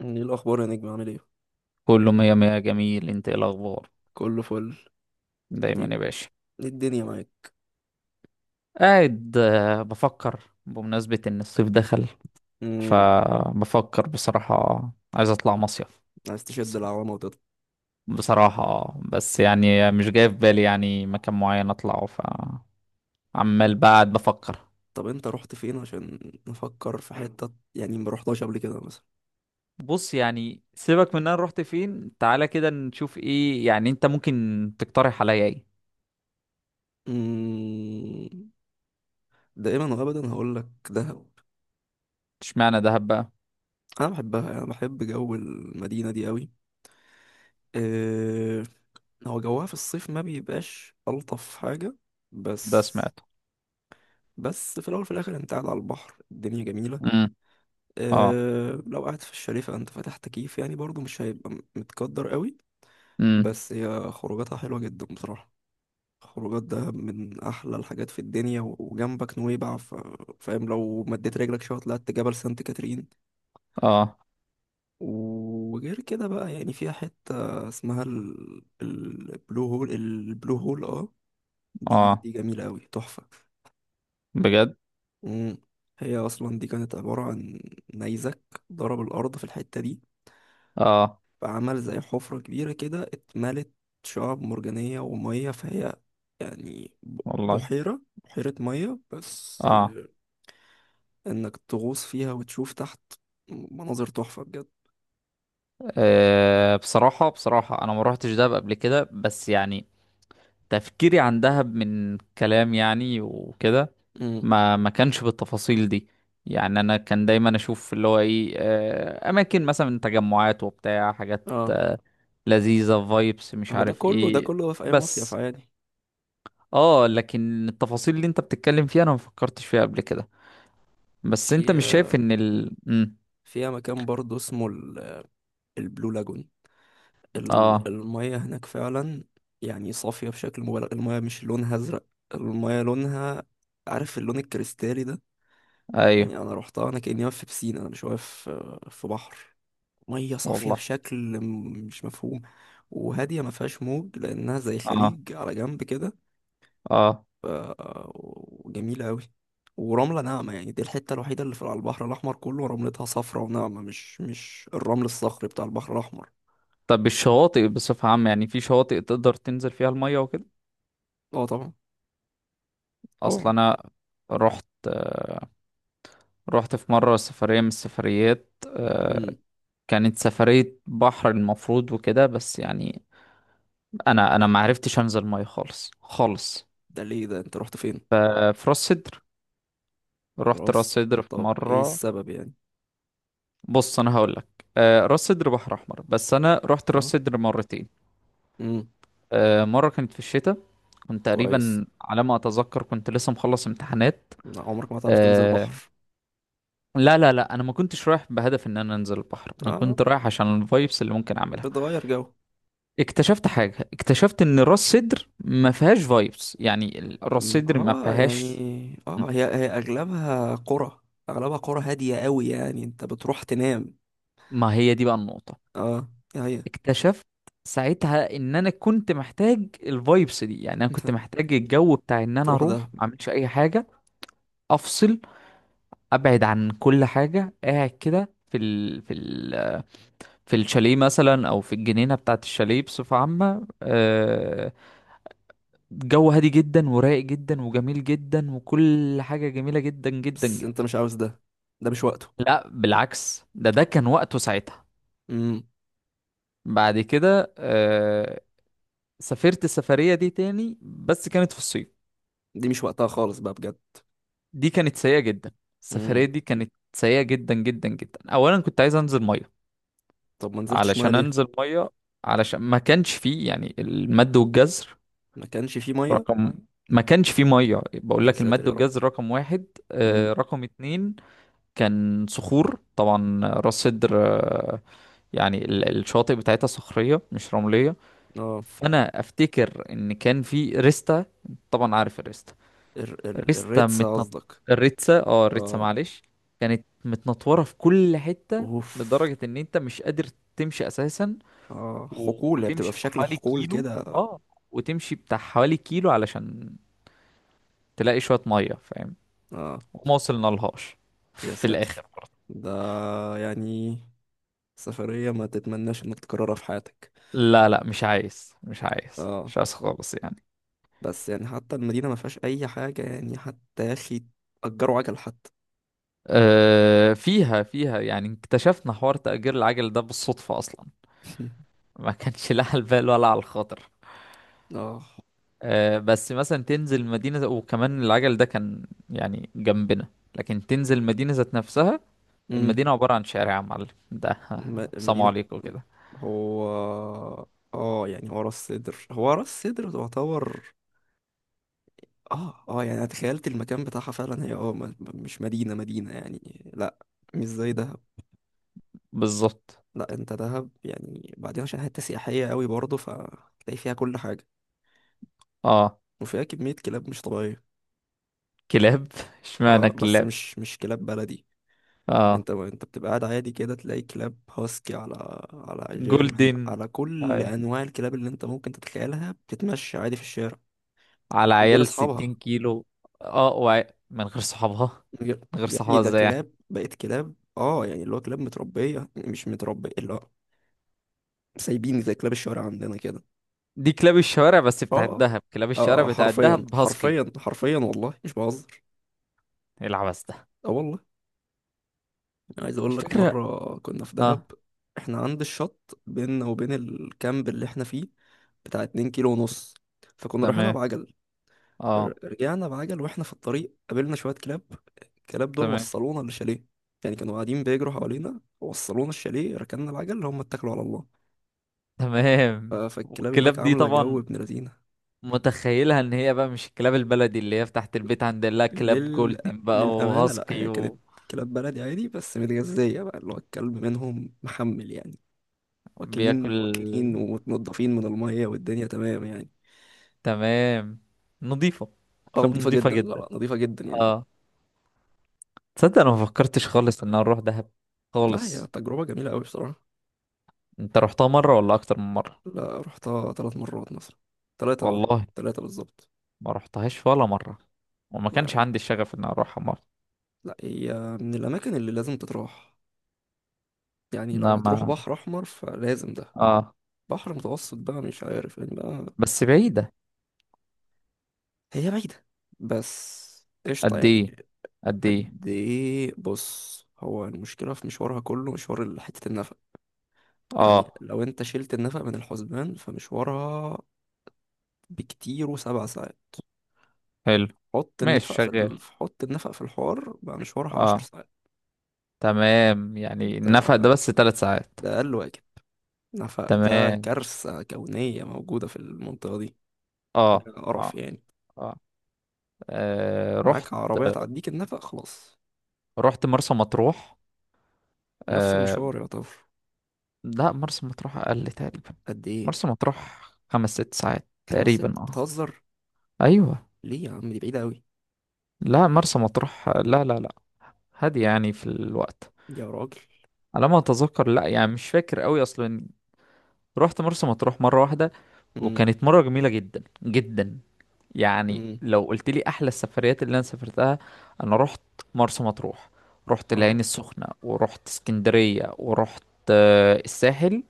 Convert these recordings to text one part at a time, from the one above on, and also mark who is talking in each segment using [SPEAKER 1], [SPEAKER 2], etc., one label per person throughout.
[SPEAKER 1] ايه الاخبار يا نجم؟ عامل ايه؟
[SPEAKER 2] كله مية مية جميل. انت ايه الاخبار؟
[SPEAKER 1] كله فل. ايه؟
[SPEAKER 2] دايما يا باشا.
[SPEAKER 1] إيه الدنيا معاك؟
[SPEAKER 2] قاعد، بفكر بمناسبة ان الصيف دخل،
[SPEAKER 1] امم
[SPEAKER 2] فبفكر بصراحة. عايز اطلع مصيف،
[SPEAKER 1] عايز تشد
[SPEAKER 2] بس-
[SPEAKER 1] العوامه وتطلع؟
[SPEAKER 2] بصراحة. بس
[SPEAKER 1] مم.
[SPEAKER 2] يعني مش جاي في بالي يعني مكان معين اطلعه، فعمال بعد بفكر.
[SPEAKER 1] طب انت رحت فين عشان نفكر في حته؟ يعني ما رحتهاش قبل كده مثلا؟
[SPEAKER 2] بص، يعني سيبك من انا رحت فين. تعالى كده نشوف، ايه يعني انت ممكن تقترح عليا؟ ايه؟
[SPEAKER 1] امم دائما وابدا هقول لك دهب.
[SPEAKER 2] اشمعنى دهب بقى؟
[SPEAKER 1] انا بحبها، انا بحب جو المدينه دي قوي. أه، هو جوها في الصيف ما بيبقاش الطف حاجه.
[SPEAKER 2] ده
[SPEAKER 1] بس
[SPEAKER 2] سمعته.
[SPEAKER 1] بس في الاول وفي الاخر انت قاعد على البحر، الدنيا جميله.
[SPEAKER 2] امم. اه.
[SPEAKER 1] أه، لو قاعد في الشاليه فانت فاتح تكييف، يعني برضو مش هيبقى متقدر قوي.
[SPEAKER 2] امم.
[SPEAKER 1] بس هي خروجاتها حلوة جدا بصراحة. خروجات ده من احلى الحاجات في الدنيا، و- وجنبك نويبع. فاهم؟ لو مديت رجلك شوية طلعت جبل سانت كاترين.
[SPEAKER 2] اه
[SPEAKER 1] وغير كده بقى، يعني فيها حتة اسمها البلو هول، اه. دي
[SPEAKER 2] اه،
[SPEAKER 1] دي جميلة قوي، تحفة.
[SPEAKER 2] بجد.
[SPEAKER 1] مم. هي اصلا دي كانت عبارة عن نيزك ضرب الارض في الحتة دي.
[SPEAKER 2] اه
[SPEAKER 1] فعمل زي حفرة كبيرة كده، اتملت شعاب مرجانية ومية، فهي يعني ب-
[SPEAKER 2] والله.
[SPEAKER 1] بحيرة بحيرة مية بس
[SPEAKER 2] اه.
[SPEAKER 1] آه، انك تغوص فيها وتشوف تحت مناظر تحفة بجد.
[SPEAKER 2] بصراحة، انا ما روحتش دهب قبل كده، بس يعني تفكيري عن دهب من كلام يعني وكده.
[SPEAKER 1] امم.
[SPEAKER 2] ما كانش بالتفاصيل دي. يعني انا كان دايما اشوف اللي هو ايه، اماكن مثلا، تجمعات وبتاع حاجات
[SPEAKER 1] اه،
[SPEAKER 2] لذيذة، فايبس مش
[SPEAKER 1] هو ده
[SPEAKER 2] عارف
[SPEAKER 1] كله ده
[SPEAKER 2] ايه.
[SPEAKER 1] كله في اي مصيف
[SPEAKER 2] بس
[SPEAKER 1] عادي.
[SPEAKER 2] اه لكن التفاصيل اللي انت بتتكلم فيها انا ما فكرتش فيها قبل كده. بس انت مش شايف
[SPEAKER 1] في
[SPEAKER 2] ان ال مم،
[SPEAKER 1] فيها مكان برضه اسمه البلو لاجون.
[SPEAKER 2] اه.
[SPEAKER 1] المية هناك فعلا، يعني صافية بشكل مبالغ. المية مش لونها ازرق، المية لونها، عارف اللون الكريستالي ده؟ يعني
[SPEAKER 2] ايوه.
[SPEAKER 1] انا روحتها انا كاني واقف في بسين، انا مش واقف في بحر. ميه صافيه
[SPEAKER 2] والله.
[SPEAKER 1] بشكل مش مفهوم. وهاديه ما فيهاش موج، لانها زي
[SPEAKER 2] اه.
[SPEAKER 1] خليج على جنب كده.
[SPEAKER 2] اه.
[SPEAKER 1] ف- وجميله قوي، ورمله ناعمه، يعني دي الحته الوحيده اللي في على البحر الاحمر كله رملتها صفرة وناعمه، مش الرمل الصخري بتاع البحر الاحمر.
[SPEAKER 2] طب الشواطئ بصفة عامة، يعني في شواطئ تقدر تنزل فيها المية وكده؟
[SPEAKER 1] اه طبعا،
[SPEAKER 2] اصل
[SPEAKER 1] طبعا.
[SPEAKER 2] انا رحت، في مرة سفرية من السفريات.
[SPEAKER 1] امم
[SPEAKER 2] كانت سفرية بحر المفروض وكده، بس يعني انا ما عرفتش انزل مية خالص خالص.
[SPEAKER 1] ده ليه؟ ده انت رحت فين؟
[SPEAKER 2] في راس سدر. رحت راس
[SPEAKER 1] راس...
[SPEAKER 2] سدر في
[SPEAKER 1] طب ايه
[SPEAKER 2] مرة.
[SPEAKER 1] السبب يعني؟
[SPEAKER 2] بص انا هقول لك، راس سدر بحر احمر، بس انا رحت راس
[SPEAKER 1] اه.
[SPEAKER 2] سدر مرتين.
[SPEAKER 1] امم.
[SPEAKER 2] مرة كانت في الشتاء، كنت
[SPEAKER 1] كويس.
[SPEAKER 2] تقريبا على ما اتذكر كنت لسه مخلص امتحانات.
[SPEAKER 1] لا، عمرك ما تعرف تنزل
[SPEAKER 2] آه،
[SPEAKER 1] بحر؟
[SPEAKER 2] لا لا لا، انا ما كنتش رايح بهدف ان انا انزل البحر، انا
[SPEAKER 1] اه،
[SPEAKER 2] كنت رايح عشان الفايبس اللي ممكن اعملها.
[SPEAKER 1] بتغير جو.
[SPEAKER 2] اكتشفت حاجه، اكتشفت ان راس سدر ما فيهاش فايبس، يعني راس
[SPEAKER 1] ما
[SPEAKER 2] سدر ما
[SPEAKER 1] هو يعني،
[SPEAKER 2] فيهاش.
[SPEAKER 1] اه، هي اغلبها قرى، اغلبها قرى هادية قوي، يعني انت بتروح تنام.
[SPEAKER 2] ما هي دي بقى النقطه.
[SPEAKER 1] اه، هي.
[SPEAKER 2] اكتشفت ساعتها ان انا كنت محتاج الفايبس دي، يعني انا كنت محتاج الجو بتاع ان انا
[SPEAKER 1] تروح
[SPEAKER 2] اروح
[SPEAKER 1] ده.
[SPEAKER 2] ما اعملش اي حاجه. افصل، ابعد عن كل حاجه، قاعد كده في الشاليه مثلا، او في الجنينه بتاعه الشاليه بصفه عامه. جو هادي جدا ورايق جدا وجميل جدا، وكل حاجة جميلة جدا جدا
[SPEAKER 1] بس انت
[SPEAKER 2] جدا.
[SPEAKER 1] مش عاوز ده، ده مش وقته.
[SPEAKER 2] لا بالعكس، ده كان وقته ساعتها.
[SPEAKER 1] امم
[SPEAKER 2] بعد كده سافرت السفرية دي تاني، بس كانت في الصيف.
[SPEAKER 1] دي مش وقتها خالص بقى بجد.
[SPEAKER 2] دي كانت سيئة جدا. السفرية
[SPEAKER 1] امم
[SPEAKER 2] دي كانت سيئة جدا جدا جدا. أولا كنت عايز أنزل مية،
[SPEAKER 1] طب ما نزلتش ميه
[SPEAKER 2] علشان
[SPEAKER 1] ليه؟
[SPEAKER 2] أنزل مية، علشان ما كانش فيه يعني المد والجزر
[SPEAKER 1] ما كانش فيه ميه؟
[SPEAKER 2] رقم ما كانش فيه مية، بقول
[SPEAKER 1] يا
[SPEAKER 2] لك
[SPEAKER 1] ساتر
[SPEAKER 2] المد
[SPEAKER 1] يا رب.
[SPEAKER 2] والجزر رقم واحد.
[SPEAKER 1] امم.
[SPEAKER 2] رقم اتنين، كان صخور طبعا راس سدر. يعني الشواطئ بتاعتها صخرية مش رملية.
[SPEAKER 1] اه،
[SPEAKER 2] فأنا أفتكر إن كان في ريستا، طبعا عارف الريستا.
[SPEAKER 1] ال ال
[SPEAKER 2] ريستا
[SPEAKER 1] الريتسة
[SPEAKER 2] متنط
[SPEAKER 1] قصدك؟
[SPEAKER 2] الريتسا، الريتسا
[SPEAKER 1] اه.
[SPEAKER 2] معلش، كانت متنطورة في كل حتة،
[SPEAKER 1] اوف.
[SPEAKER 2] لدرجة إن أنت مش قادر تمشي أساسا.
[SPEAKER 1] اه، حقول، هي بتبقى
[SPEAKER 2] وتمشي
[SPEAKER 1] في
[SPEAKER 2] بتاع
[SPEAKER 1] شكل
[SPEAKER 2] حوالي
[SPEAKER 1] حقول
[SPEAKER 2] كيلو.
[SPEAKER 1] كده.
[SPEAKER 2] اه وتمشي بتاع حوالي كيلو علشان تلاقي شوية مية، فاهم؟
[SPEAKER 1] اه.
[SPEAKER 2] وما وصلنا لهاش
[SPEAKER 1] يا
[SPEAKER 2] في الآخر.
[SPEAKER 1] ساتر. ده يعني سفرية ما تتمناش انك تكررها في حياتك.
[SPEAKER 2] لا لا، مش عايز مش عايز
[SPEAKER 1] اه،
[SPEAKER 2] مش عايز خالص يعني.
[SPEAKER 1] بس يعني حتى المدينة ما فيهاش اي حاجة، يعني حتى يا اخي، اجروا عجل حتى.
[SPEAKER 2] فيها، يعني اكتشفنا حوار تأجير العجل ده بالصدفة أصلا. ما كانش لا على البال ولا على الخاطر.
[SPEAKER 1] اه.
[SPEAKER 2] بس مثلا تنزل مدينة وكمان العجل ده كان يعني جنبنا، لكن تنزل مدينة ذات نفسها،
[SPEAKER 1] امم
[SPEAKER 2] المدينة عبارة عن شارع يا معلم ده. سلام
[SPEAKER 1] المدينة.
[SPEAKER 2] عليكم كده.
[SPEAKER 1] هو، اه، يعني هو راس سدر تعتبر. اه، اه، يعني انا تخيلت المكان بتاعها فعلا، هي، اه، مش مدينة مدينة يعني، لا. مش زي دهب.
[SPEAKER 2] بالظبط.
[SPEAKER 1] لا، انت دهب يعني بعدين عشان حتة سياحية قوي برضه، فتلاقي فيها كل حاجة.
[SPEAKER 2] اه
[SPEAKER 1] وفيها كمية كلاب مش طبيعية.
[SPEAKER 2] كلاب. اشمعنى
[SPEAKER 1] اه، بس
[SPEAKER 2] كلاب؟
[SPEAKER 1] مش كلاب بلدي.
[SPEAKER 2] اه
[SPEAKER 1] انت بتبقى قاعد عادي كده تلاقي كلاب هاسكي، على جيرمان،
[SPEAKER 2] جولدن.
[SPEAKER 1] على كل انواع الكلاب اللي انت ممكن تتخيلها بتتمشى عادي في الشارع.
[SPEAKER 2] على
[SPEAKER 1] من غير
[SPEAKER 2] عيال 60
[SPEAKER 1] اصحابها.
[SPEAKER 2] كيلو. اه من غير صحابها.
[SPEAKER 1] من غير-
[SPEAKER 2] من غير
[SPEAKER 1] يا ابني،
[SPEAKER 2] صحابها
[SPEAKER 1] ده
[SPEAKER 2] ازاي يعني؟
[SPEAKER 1] كلاب بقت كلاب، اه يعني اللي هو كلاب متربية مش متربية اللي هو سايبين زي كلاب الشوارع عندنا كده.
[SPEAKER 2] دي كلاب الشوارع، بس
[SPEAKER 1] اه،
[SPEAKER 2] بتاعت
[SPEAKER 1] اه،
[SPEAKER 2] دهب. كلاب الشوارع
[SPEAKER 1] اه،
[SPEAKER 2] بتاعت
[SPEAKER 1] حرفيا
[SPEAKER 2] دهب هاسكي.
[SPEAKER 1] حرفيا حرفيا، والله مش بهزر.
[SPEAKER 2] إيه العبث ده؟
[SPEAKER 1] اه والله. عايز اقول لك،
[SPEAKER 2] الفكرة،
[SPEAKER 1] مره كنا في دهب.
[SPEAKER 2] اه
[SPEAKER 1] احنا عند الشط، بيننا وبين الكامب اللي احنا فيه بتاع 2 كيلو ونص. فكنا رايحين
[SPEAKER 2] تمام،
[SPEAKER 1] بعجل.
[SPEAKER 2] اه
[SPEAKER 1] رجعنا بعجل، واحنا في الطريق قابلنا شويه كلاب. الكلاب دول
[SPEAKER 2] تمام
[SPEAKER 1] وصلونا للشاليه، يعني كانوا قاعدين بيجروا حوالينا، وصلونا الشاليه، ركننا العجل، هم اتكلوا على الله.
[SPEAKER 2] تمام
[SPEAKER 1] فالكلاب هناك
[SPEAKER 2] والكلاب دي
[SPEAKER 1] عامله جو
[SPEAKER 2] طبعا
[SPEAKER 1] ابن لذينه.
[SPEAKER 2] متخيلها ان هي بقى مش الكلاب البلدي اللي هي تحت البيت، عند لا كلاب
[SPEAKER 1] لل...
[SPEAKER 2] جولدن بقى
[SPEAKER 1] للامانه، لا
[SPEAKER 2] وهاسكي.
[SPEAKER 1] هي كانت كلاب بلدي عادي، بس متغذيه بقى، اللي هو الكلب منهم محمل يعني،
[SPEAKER 2] وبياكل.
[SPEAKER 1] واكلين واكلين ومتنضفين من المية، والدنيا تمام يعني.
[SPEAKER 2] تمام. نظيفة.
[SPEAKER 1] اه،
[SPEAKER 2] كلاب
[SPEAKER 1] نضيفة
[SPEAKER 2] نظيفة
[SPEAKER 1] جدا، لا
[SPEAKER 2] جدا.
[SPEAKER 1] لا، نضيفة جدا يعني.
[SPEAKER 2] اه تصدق انا ما فكرتش خالص ان انا اروح دهب
[SPEAKER 1] لا،
[SPEAKER 2] خالص.
[SPEAKER 1] هي تجربة جميلة أوي بصراحة.
[SPEAKER 2] انت رحتها مرة ولا اكتر من مرة؟
[SPEAKER 1] لا، رحتها 3 مرات مثلا. ثلاثة، اه.
[SPEAKER 2] والله
[SPEAKER 1] ثلاثة بالظبط.
[SPEAKER 2] ما رحتهاش ولا مرة، وما كانش
[SPEAKER 1] لا
[SPEAKER 2] عندي الشغف ان اروحها مرة.
[SPEAKER 1] لا، هي من الأماكن اللي لازم تتراح، يعني لو هتروح
[SPEAKER 2] انما
[SPEAKER 1] بحر أحمر فلازم ده.
[SPEAKER 2] اه
[SPEAKER 1] بحر متوسط بقى مش عارف يعني بقى.
[SPEAKER 2] بس بعيدة.
[SPEAKER 1] هي بعيدة، بس قشطة
[SPEAKER 2] قد ايه؟
[SPEAKER 1] يعني.
[SPEAKER 2] قد ايه؟
[SPEAKER 1] قد إيه؟ بص، هو المشكلة في مشوارها كله مشوار حتة النفق. يعني
[SPEAKER 2] اه
[SPEAKER 1] لو انت شلت النفق من الحسبان فمشوارها بكتير، و7 ساعات.
[SPEAKER 2] حلو.
[SPEAKER 1] حط
[SPEAKER 2] ماشي،
[SPEAKER 1] النفق في
[SPEAKER 2] شغال.
[SPEAKER 1] حط النفق في الحوار بقى، مشوارها عشر
[SPEAKER 2] اه
[SPEAKER 1] ساعات
[SPEAKER 2] تمام، يعني
[SPEAKER 1] ده,
[SPEAKER 2] النفق ده بس ثلاث ساعات.
[SPEAKER 1] ده أقل واجب. نفق ده
[SPEAKER 2] تمام.
[SPEAKER 1] كارثة كونية موجودة في المنطقة دي.
[SPEAKER 2] اه
[SPEAKER 1] حاجة قرف
[SPEAKER 2] اه
[SPEAKER 1] يعني.
[SPEAKER 2] اه، آه. رحت،
[SPEAKER 1] معاك عربية تعديك النفق خلاص.
[SPEAKER 2] رحت مرسى مطروح.
[SPEAKER 1] نفس
[SPEAKER 2] آه.
[SPEAKER 1] المشوار يا طفل.
[SPEAKER 2] لا مرسى مطروح اقل تقريبا.
[SPEAKER 1] قد ايه؟
[SPEAKER 2] مرسى مطروح خمس ست ساعات
[SPEAKER 1] خمس ست؟
[SPEAKER 2] تقريبا، اه.
[SPEAKER 1] بتهزر؟
[SPEAKER 2] ايوه.
[SPEAKER 1] ليه يا عم، دي بعيدة أوي.
[SPEAKER 2] لا مرسى مطروح، لا لا لا، هادية يعني في الوقت،
[SPEAKER 1] دي يا راجل.
[SPEAKER 2] على ما اتذكر، لا يعني مش فاكر قوي اصلا. رحت مرسى مطروح مرة واحدة،
[SPEAKER 1] امم،
[SPEAKER 2] وكانت مرة جميلة جدا جدا. يعني
[SPEAKER 1] امم،
[SPEAKER 2] لو قلت لي احلى السفريات اللي انا سافرتها، انا رحت مرسى مطروح، رحت
[SPEAKER 1] اه،
[SPEAKER 2] العين السخنة، ورحت اسكندرية، ورحت الساحل.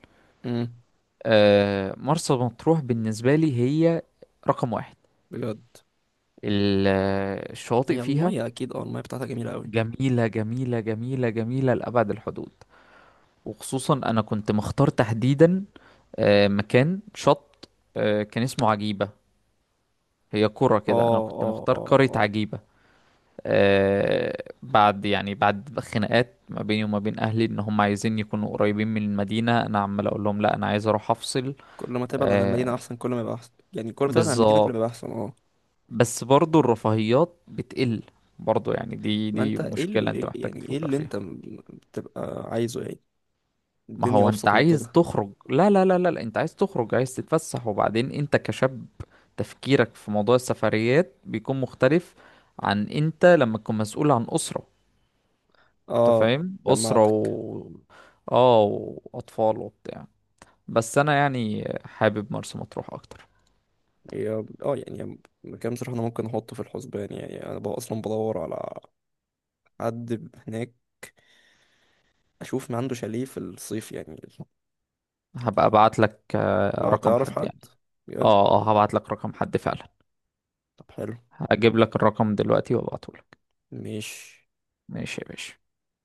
[SPEAKER 1] امم.
[SPEAKER 2] مرسى مطروح بالنسبة لي هي رقم واحد.
[SPEAKER 1] بجد؟
[SPEAKER 2] الشواطئ
[SPEAKER 1] هي
[SPEAKER 2] فيها
[SPEAKER 1] المية أكيد، اه، المية بتاعتها جميلة أوي.
[SPEAKER 2] جميلة جميلة جميلة جميلة لأبعد الحدود. وخصوصا انا كنت مختار تحديدا مكان شط. كان اسمه عجيبة. هي قرى
[SPEAKER 1] اه،
[SPEAKER 2] كده، انا كنت
[SPEAKER 1] اه،
[SPEAKER 2] مختار
[SPEAKER 1] اه،
[SPEAKER 2] قرية
[SPEAKER 1] آه.
[SPEAKER 2] عجيبة. بعد يعني بعد خناقات ما بيني وما بين اهلي ان هم عايزين يكونوا قريبين من المدينة، انا عمال اقول لهم لا، انا عايز اروح افصل.
[SPEAKER 1] كل ما تبعد عن المدينة
[SPEAKER 2] آه،
[SPEAKER 1] أحسن، كل ما يبقى أحسن، يعني كل ما تبعد عن المدينة كل ما يبقى
[SPEAKER 2] بالظبط.
[SPEAKER 1] أحسن، اه.
[SPEAKER 2] بس برضو الرفاهيات بتقل، برضو يعني دي
[SPEAKER 1] ما
[SPEAKER 2] دي
[SPEAKER 1] أنت، إيه
[SPEAKER 2] مشكلة انت
[SPEAKER 1] اللي
[SPEAKER 2] محتاج
[SPEAKER 1] يعني، إيه
[SPEAKER 2] تفكر
[SPEAKER 1] اللي
[SPEAKER 2] فيها.
[SPEAKER 1] أنت بتبقى عايزه يعني؟
[SPEAKER 2] ما
[SPEAKER 1] الدنيا
[SPEAKER 2] هو انت
[SPEAKER 1] أبسط من
[SPEAKER 2] عايز
[SPEAKER 1] كده.
[SPEAKER 2] تخرج. لا لا لا لا لا، انت عايز تخرج، عايز تتفسح، وبعدين انت كشاب تفكيرك في موضوع السفريات بيكون مختلف عن انت لما تكون مسؤول عن أسرة. انت
[SPEAKER 1] اه.
[SPEAKER 2] فاهم، أسرة
[SPEAKER 1] جمعتك.
[SPEAKER 2] و، اه، وأطفال وبتاع. بس انا يعني حابب مرسى مطروح اكتر.
[SPEAKER 1] هي، اه، يعني مكان بصراحة أنا ممكن أحطه في الحسبان، يعني أنا بقى أصلا بدور على حد هناك أشوف ما عنده شاليه في الصيف يعني.
[SPEAKER 2] هبقى ابعت لك
[SPEAKER 1] ما
[SPEAKER 2] رقم
[SPEAKER 1] تعرف
[SPEAKER 2] حد
[SPEAKER 1] حد؟
[SPEAKER 2] يعني.
[SPEAKER 1] بجد؟
[SPEAKER 2] اه اه، هبعت لك رقم حد فعلا.
[SPEAKER 1] طب حلو.
[SPEAKER 2] هجيب لك الرقم دلوقتي وابعته لك.
[SPEAKER 1] ماشي.
[SPEAKER 2] ماشي يا باشا.